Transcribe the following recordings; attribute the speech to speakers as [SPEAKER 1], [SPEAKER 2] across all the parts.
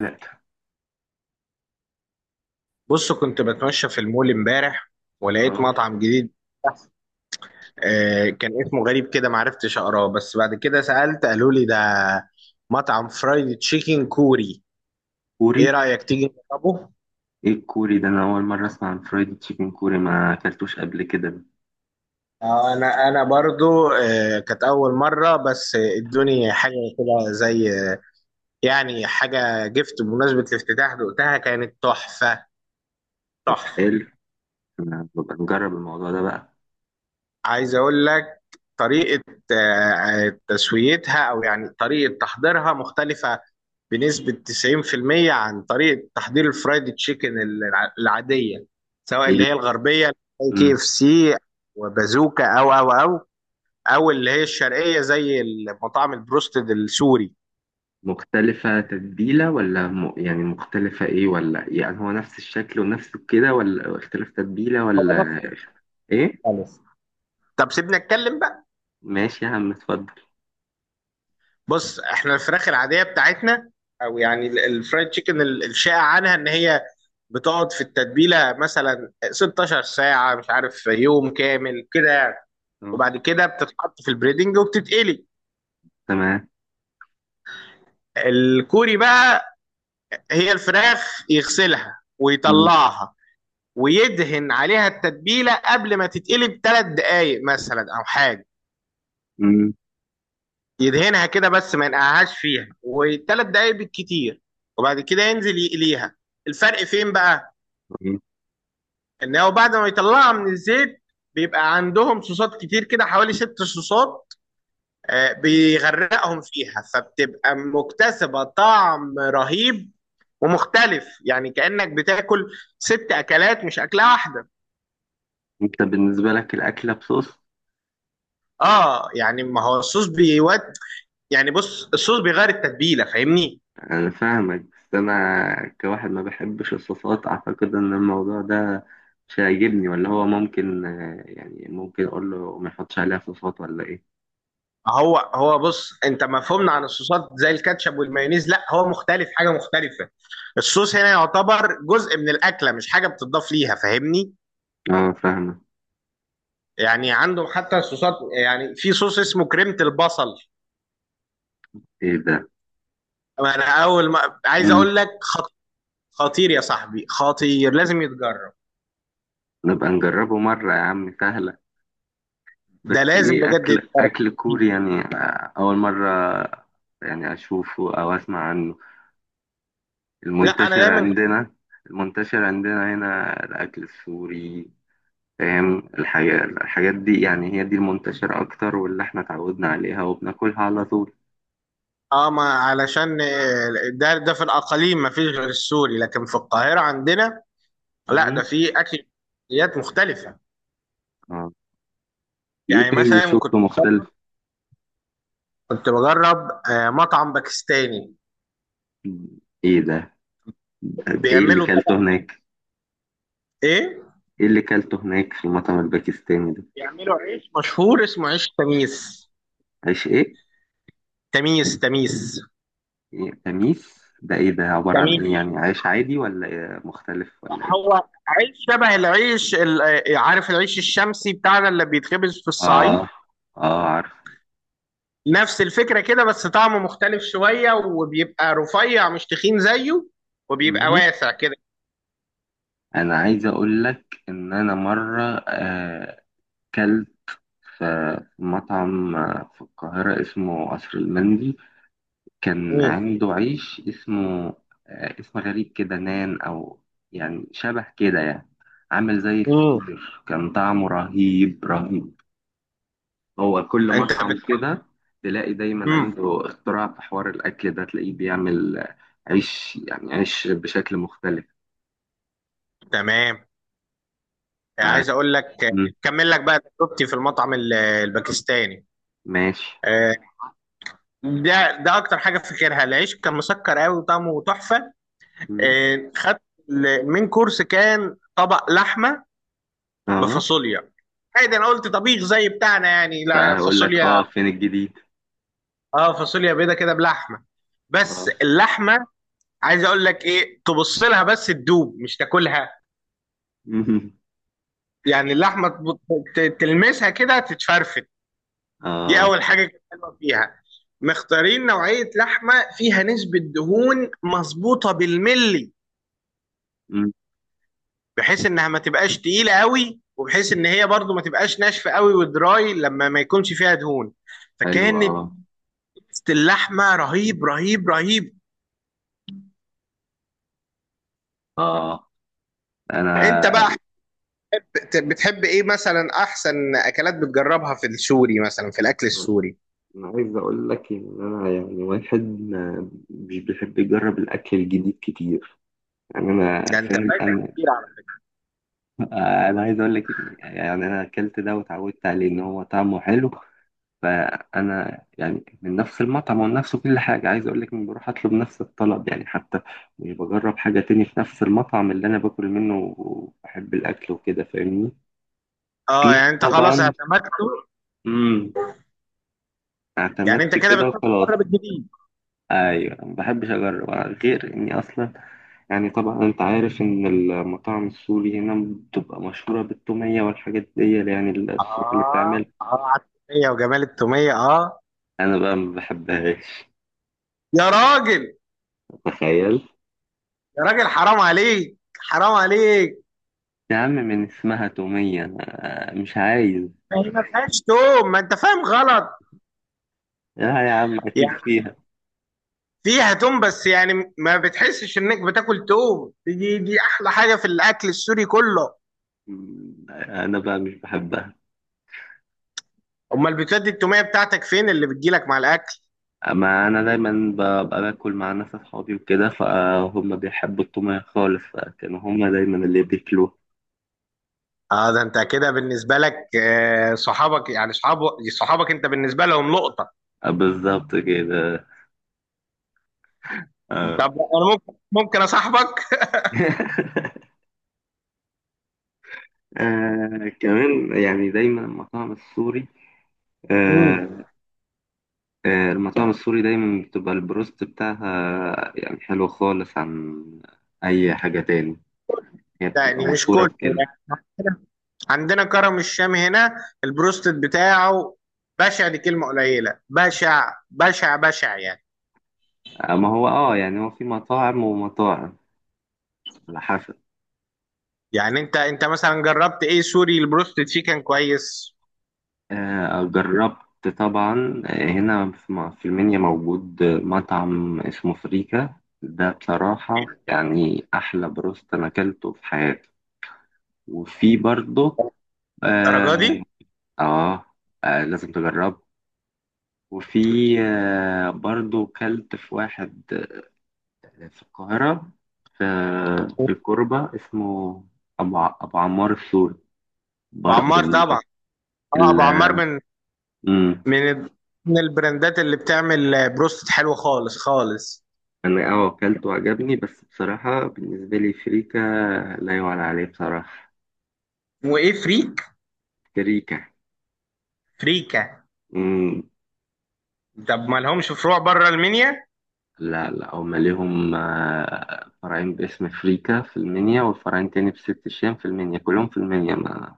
[SPEAKER 1] لا،
[SPEAKER 2] بص، كنت بتمشى في المول امبارح ولقيت
[SPEAKER 1] اه،
[SPEAKER 2] مطعم جديد. كان اسمه غريب كده، معرفتش اقراه، بس بعد كده سألت قالوا لي ده مطعم فرايد تشيكن كوري.
[SPEAKER 1] كوري.
[SPEAKER 2] ايه رأيك تيجي نجربه؟
[SPEAKER 1] ايه الكوري ده، انا اول مره اسمع عن فرايد تشيكن كوري، ما اكلتوش قبل كده.
[SPEAKER 2] انا برضو كانت اول مرة، بس ادوني حاجة كده زي يعني حاجة جفت بمناسبة الافتتاح، دقتها كانت تحفة.
[SPEAKER 1] طب
[SPEAKER 2] تحفة.
[SPEAKER 1] حلو. انا ببقى نجرب الموضوع ده بقى.
[SPEAKER 2] عايز اقول لك طريقة تسويتها او يعني طريقة تحضيرها مختلفة بنسبة 90% عن طريقة تحضير الفرايد تشيكن العادية، سواء
[SPEAKER 1] ايه
[SPEAKER 2] اللي
[SPEAKER 1] ال-
[SPEAKER 2] هي الغربية زي كي
[SPEAKER 1] مم.
[SPEAKER 2] اف سي وبازوكا او اللي هي الشرقية زي المطاعم البروستد السوري.
[SPEAKER 1] مختلفه تتبيله ولا يعني مختلفه ايه ولا إيه؟ يعني هو نفس الشكل ونفس كده، ولا اختلاف تتبيله
[SPEAKER 2] هو
[SPEAKER 1] ولا؟
[SPEAKER 2] نفس
[SPEAKER 1] ايه.
[SPEAKER 2] خالص. طب سيبنا اتكلم بقى.
[SPEAKER 1] ماشي يا عم، اتفضل.
[SPEAKER 2] بص احنا الفراخ العادية بتاعتنا، او يعني الفرايد تشيكن الشائع عنها ان هي بتقعد في التتبيله مثلا 16 ساعه، مش عارف، يوم كامل كده يعني.
[SPEAKER 1] اه.
[SPEAKER 2] وبعد كده بتتحط في البريدنج وبتتقلي.
[SPEAKER 1] تمام.
[SPEAKER 2] الكوري بقى، هي الفراخ يغسلها
[SPEAKER 1] مم.
[SPEAKER 2] ويطلعها ويدهن عليها التتبيله قبل ما تتقلي بثلاث دقائق مثلا او حاجه.
[SPEAKER 1] مم.
[SPEAKER 2] يدهنها كده بس ما ينقعهاش فيها، وثلاث دقائق بالكتير، وبعد كده ينزل يقليها. الفرق فين بقى؟
[SPEAKER 1] مم.
[SPEAKER 2] ان هو بعد ما يطلعها من الزيت بيبقى عندهم صوصات كتير كده، حوالي ست صوصات. بيغرقهم فيها فبتبقى مكتسبة طعم رهيب ومختلف، يعني كأنك بتاكل ست أكلات مش أكلة واحدة.
[SPEAKER 1] انت بالنسبه لك الاكله بصوص؟
[SPEAKER 2] اه يعني ما هو الصوص بيود. يعني بص، الصوص بيغير التتبيلة، فاهمني؟
[SPEAKER 1] أنا فاهمك، بس أنا كواحد ما بحبش الصوصات، أعتقد إن الموضوع ده مش هيعجبني، ولا هو ممكن، يعني ممكن أقول له ما يحطش عليها صوصات ولا إيه؟
[SPEAKER 2] هو هو بص، انت مفهومنا عن الصوصات زي الكاتشب والمايونيز، لا هو مختلف، حاجة مختلفة. الصوص هنا يعتبر جزء من الأكلة، مش حاجة بتضاف ليها، فاهمني؟
[SPEAKER 1] آه، فاهمة.
[SPEAKER 2] يعني عندهم حتى الصوصات، يعني في صوص اسمه كريمة البصل.
[SPEAKER 1] إيه ده؟
[SPEAKER 2] انا اول ما عايز
[SPEAKER 1] مم.
[SPEAKER 2] اقول لك خطير يا صاحبي، خطير، لازم يتجرب.
[SPEAKER 1] نبقى نجربه مرة يا عم، سهلة.
[SPEAKER 2] ده
[SPEAKER 1] بس
[SPEAKER 2] لازم
[SPEAKER 1] إيه،
[SPEAKER 2] بجد
[SPEAKER 1] أكل
[SPEAKER 2] يتجرب.
[SPEAKER 1] أكل كوري يعني، أول مرة. يعني أشوفه أو أسمع عنه.
[SPEAKER 2] لا، انا
[SPEAKER 1] المنتشر
[SPEAKER 2] دايما.
[SPEAKER 1] عندنا المنتشر عندنا هنا الأكل السوري، فاهم الحاجات دي، يعني هي دي المنتشرة أكتر، واللي إحنا اتعودنا عليها وبناكلها على طول.
[SPEAKER 2] اه، ما علشان ده ده في الاقاليم ما فيش غير السوري، لكن في القاهره عندنا لا،
[SPEAKER 1] مم.
[SPEAKER 2] ده في اكلات مختلفه.
[SPEAKER 1] آه. إيه
[SPEAKER 2] يعني
[SPEAKER 1] تاني
[SPEAKER 2] مثلا
[SPEAKER 1] شفته مختلف؟
[SPEAKER 2] كنت بجرب مطعم باكستاني.
[SPEAKER 1] إيه ده؟ طب إيه اللي
[SPEAKER 2] بيعملوا
[SPEAKER 1] كلته
[SPEAKER 2] طبق.
[SPEAKER 1] هناك؟
[SPEAKER 2] ايه.
[SPEAKER 1] إيه اللي كلته هناك في المطعم الباكستاني ده؟
[SPEAKER 2] بيعملوا عيش مشهور اسمه عيش تميس.
[SPEAKER 1] عيش إيه؟
[SPEAKER 2] تميس تميس
[SPEAKER 1] إيه؟ تميس؟ ده إيه ده؟ عبارة عن
[SPEAKER 2] تميس.
[SPEAKER 1] إيه يعني؟ عيش عادي ولا إيه؟ مختلف ولا إيه؟
[SPEAKER 2] هو عيش شبه العيش عارف العيش الشمسي بتاعنا اللي بيتخبز في الصعيد؟
[SPEAKER 1] آه. آه، عارف.
[SPEAKER 2] نفس الفكرة كده، بس طعمه مختلف شوية وبيبقى رفيع مش تخين زيه، وبيبقى
[SPEAKER 1] مم.
[SPEAKER 2] واسع كده.
[SPEAKER 1] أنا عايز أقول لك إن أنا مرة، آه، كلت في مطعم في القاهرة اسمه قصر المندي، كان
[SPEAKER 2] مم.
[SPEAKER 1] عنده عيش اسمه، اسم غريب كده، نان أو يعني شبه كده يعني، عامل زي
[SPEAKER 2] مم.
[SPEAKER 1] الفطير، كان طعمه رهيب رهيب. هو كل
[SPEAKER 2] انت
[SPEAKER 1] مطعم
[SPEAKER 2] بت...
[SPEAKER 1] كده، تلاقي دايما
[SPEAKER 2] مم.
[SPEAKER 1] عنده اختراع في حوار الأكل ده، تلاقيه بيعمل عيش، يعني عيش بشكل مختلف.
[SPEAKER 2] تمام.
[SPEAKER 1] ف-
[SPEAKER 2] عايز اقول لك،
[SPEAKER 1] مم.
[SPEAKER 2] كمل لك بقى تجربتي في المطعم الباكستاني.
[SPEAKER 1] ماشي.
[SPEAKER 2] آه، ده ده اكتر حاجه فاكرها، العيش كان مسكر قوي وطعمه تحفه.
[SPEAKER 1] مم.
[SPEAKER 2] خدت من كورس كان طبق لحمه
[SPEAKER 1] اه،
[SPEAKER 2] بفاصوليا. عادي، انا قلت طبيخ زي بتاعنا يعني. لا،
[SPEAKER 1] هقول لك. اه،
[SPEAKER 2] فاصوليا.
[SPEAKER 1] فين الجديد.
[SPEAKER 2] اه فاصوليا بيضه كده بلحمه، بس
[SPEAKER 1] اه.
[SPEAKER 2] اللحمه، عايز اقول لك ايه، تبص لها بس تدوب مش تاكلها. يعني اللحمه تلمسها كده تتفرفت. دي
[SPEAKER 1] اه.
[SPEAKER 2] اول حاجه كانت حلوه فيها. مختارين نوعيه لحمه فيها نسبه دهون مظبوطه بالملي، بحيث انها ما تبقاش تقيله قوي، وبحيث ان هي برضو ما تبقاش ناشفه قوي ودراي لما ما يكونش فيها دهون.
[SPEAKER 1] حلو، اه.
[SPEAKER 2] فكانت اللحمه رهيب رهيب رهيب.
[SPEAKER 1] اه.
[SPEAKER 2] انت بقى
[SPEAKER 1] انا
[SPEAKER 2] بتحب ايه مثلا؟ احسن اكلات بتجربها في السوري، مثلا في الاكل السوري.
[SPEAKER 1] انا عايز اقول لك ان انا يعني واحد ما مش بيحب يجرب الاكل الجديد كتير. يعني انا
[SPEAKER 2] ده انت
[SPEAKER 1] فاهم.
[SPEAKER 2] فايتك كتير على
[SPEAKER 1] انا عايز اقول لك ان يعني انا اكلت ده واتعودت عليه، ان هو طعمه حلو. فانا يعني من نفس المطعم ونفس كل حاجه، عايز اقول لك اني بروح اطلب نفس الطلب، يعني حتى مش بجرب حاجه تاني في نفس المطعم اللي انا باكل منه وبحب الاكل وكده، فاهمني.
[SPEAKER 2] فكرة. اه
[SPEAKER 1] كتير
[SPEAKER 2] يعني انت خلاص
[SPEAKER 1] طبعا.
[SPEAKER 2] اعتمدته.
[SPEAKER 1] امم.
[SPEAKER 2] يعني
[SPEAKER 1] اعتمدت
[SPEAKER 2] انت كده
[SPEAKER 1] كده
[SPEAKER 2] بتحط
[SPEAKER 1] وخلاص.
[SPEAKER 2] بره بالجديد.
[SPEAKER 1] ايوه، ما بحبش اجرب، غير اني اصلا يعني، طبعا انت عارف ان المطاعم السوري هنا بتبقى مشهوره بالتوميه والحاجات دي، يعني الصوص اللي بتعمل.
[SPEAKER 2] اه، اه على التوميه وجمال التوميه، اه.
[SPEAKER 1] انا بقى ما بحبهاش.
[SPEAKER 2] يا راجل،
[SPEAKER 1] تخيل.
[SPEAKER 2] يا راجل، حرام عليك، حرام عليك.
[SPEAKER 1] يا عم، من اسمها توميه أنا مش عايز.
[SPEAKER 2] ما هي ما فيهاش توم، ما انت فاهم غلط.
[SPEAKER 1] لا يا عم، اكيد
[SPEAKER 2] يعني
[SPEAKER 1] فيها.
[SPEAKER 2] فيها توم، بس يعني ما بتحسش انك بتاكل توم. دي دي احلى حاجه في الاكل السوري كله.
[SPEAKER 1] انا بقى مش بحبها.
[SPEAKER 2] امال بتودي التوميه بتاعتك فين اللي بتجيلك مع الاكل؟
[SPEAKER 1] اما انا دايما ببقى باكل مع ناس اصحابي وكده، فهم بيحبوا التوميه خالص، فكانوا هم دايما اللي بياكلوها.
[SPEAKER 2] اه، ده انت كده بالنسبه لك، صحابك، يعني صحابك، صحابك انت بالنسبه لهم لقطه.
[SPEAKER 1] بالظبط كده. آه.
[SPEAKER 2] طب انا ممكن اصاحبك.
[SPEAKER 1] آه، كمان يعني دايما
[SPEAKER 2] امم.
[SPEAKER 1] آه المطاعم السوري دايما بتبقى البروست بتاعها يعني حلو خالص، عن أي حاجة تاني. هي بتبقى
[SPEAKER 2] يعني مش
[SPEAKER 1] مشهورة
[SPEAKER 2] كله
[SPEAKER 1] بكده.
[SPEAKER 2] يعني. عندنا كرم الشام هنا البروستد بتاعه بشع، دي كلمه قليله، بشع بشع بشع يعني.
[SPEAKER 1] آه، ما هو اه يعني، هو في مطاعم ومطاعم، على حسب.
[SPEAKER 2] يعني انت مثلا جربت ايه سوري البروستد فيه كان كويس؟
[SPEAKER 1] آه، جربت طبعا، هنا في المنيا موجود مطعم اسمه فريكا. ده بصراحة يعني أحلى بروست أنا أكلته في حياتي. وفي برضه،
[SPEAKER 2] الدرجه
[SPEAKER 1] آه،
[SPEAKER 2] دي؟
[SPEAKER 1] اه، لازم تجربه. وفي برضو كلت في واحد، في القاهرة، في في
[SPEAKER 2] ابو
[SPEAKER 1] الكوربة، اسمه أبو عمار السوري، برضو.
[SPEAKER 2] عمار طبعا. اه، ابو عمار
[SPEAKER 1] ال...
[SPEAKER 2] من
[SPEAKER 1] مم.
[SPEAKER 2] من ال- من البراندات اللي بتعمل بروست حلو خالص خالص.
[SPEAKER 1] أنا أكلته وعجبني، بس بصراحة بالنسبة لي فريكة لا يعلى عليه، بصراحة.
[SPEAKER 2] وايه فريك؟
[SPEAKER 1] فريكة.
[SPEAKER 2] فريكا.
[SPEAKER 1] مم.
[SPEAKER 2] طب ما لهمش فروع بره المنيا؟
[SPEAKER 1] لا لا، هما ليهم، فرعين باسم فريكة في المنيا، وفرعين تاني بست الشام في المنيا، كلهم في المنيا، ما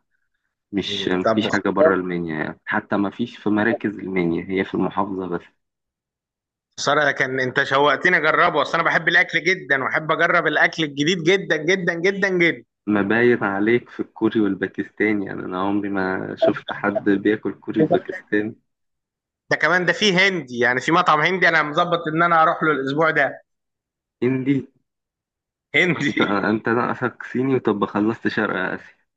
[SPEAKER 1] مش
[SPEAKER 2] مم. طب،
[SPEAKER 1] مفيش حاجة بره المنيا، يعني حتى مفيش في مراكز المنيا، هي في المحافظة بس.
[SPEAKER 2] خساره. لكن انت شوقتني اجربه، اصل انا بحب الاكل جدا واحب اجرب الاكل الجديد جدا جدا جدا جدا.
[SPEAKER 1] ما باين عليك في الكوري والباكستاني يعني، أنا عمري ما شفت حد بياكل كوري وباكستاني.
[SPEAKER 2] ده كمان ده فيه هندي، يعني في مطعم هندي انا مظبط ان انا هروح له الاسبوع ده.
[SPEAKER 1] هندي. أنت
[SPEAKER 2] هندي.
[SPEAKER 1] أنت ناقصك صيني، طب خلصت شرق آسيا.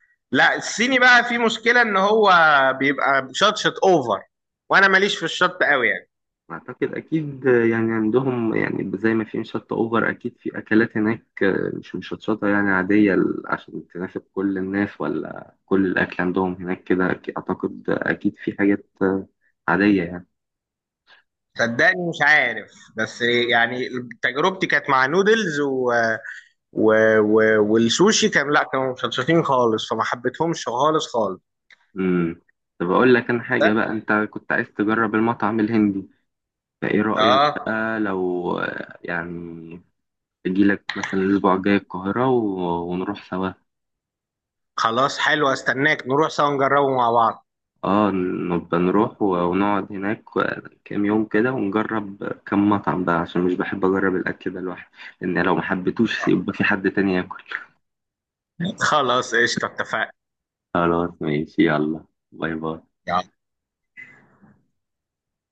[SPEAKER 2] لا، الصيني بقى في مشكله ان هو بيبقى شطشط اوفر، وانا ماليش في الشط قوي يعني.
[SPEAKER 1] أعتقد أكيد يعني عندهم، يعني زي ما في مشطة أوفر، أكيد في أكلات هناك مش مشطشطة، يعني عادية، عشان تناسب كل الناس، ولا كل الأكل عندهم هناك كده؟ أعتقد أكيد في حاجات عادية يعني.
[SPEAKER 2] صدقني مش عارف، بس يعني تجربتي كانت مع نودلز و... و... والسوشي، كان، لا، كانوا مشطشطين خالص، فما حبيتهمش خالص خالص.
[SPEAKER 1] امم. طب اقول لك انا
[SPEAKER 2] ده.
[SPEAKER 1] حاجه بقى، انت كنت عايز تجرب المطعم الهندي، فايه رايك
[SPEAKER 2] اه.
[SPEAKER 1] بقى لو، يعني اجي لك مثلا الاسبوع الجاي القاهره ونروح سوا.
[SPEAKER 2] خلاص، حلو، استناك نروح سوا نجربه مع بعض.
[SPEAKER 1] اه، نبقى نروح ونقعد هناك كام يوم كده، ونجرب كام مطعم بقى، عشان مش بحب اجرب الاكل ده لوحدي، لان لو ما حبيتوش يبقى في حد تاني ياكل.
[SPEAKER 2] خلاص، قشطة، اتفقنا.
[SPEAKER 1] خلاص ماشي، يلا. باي باي.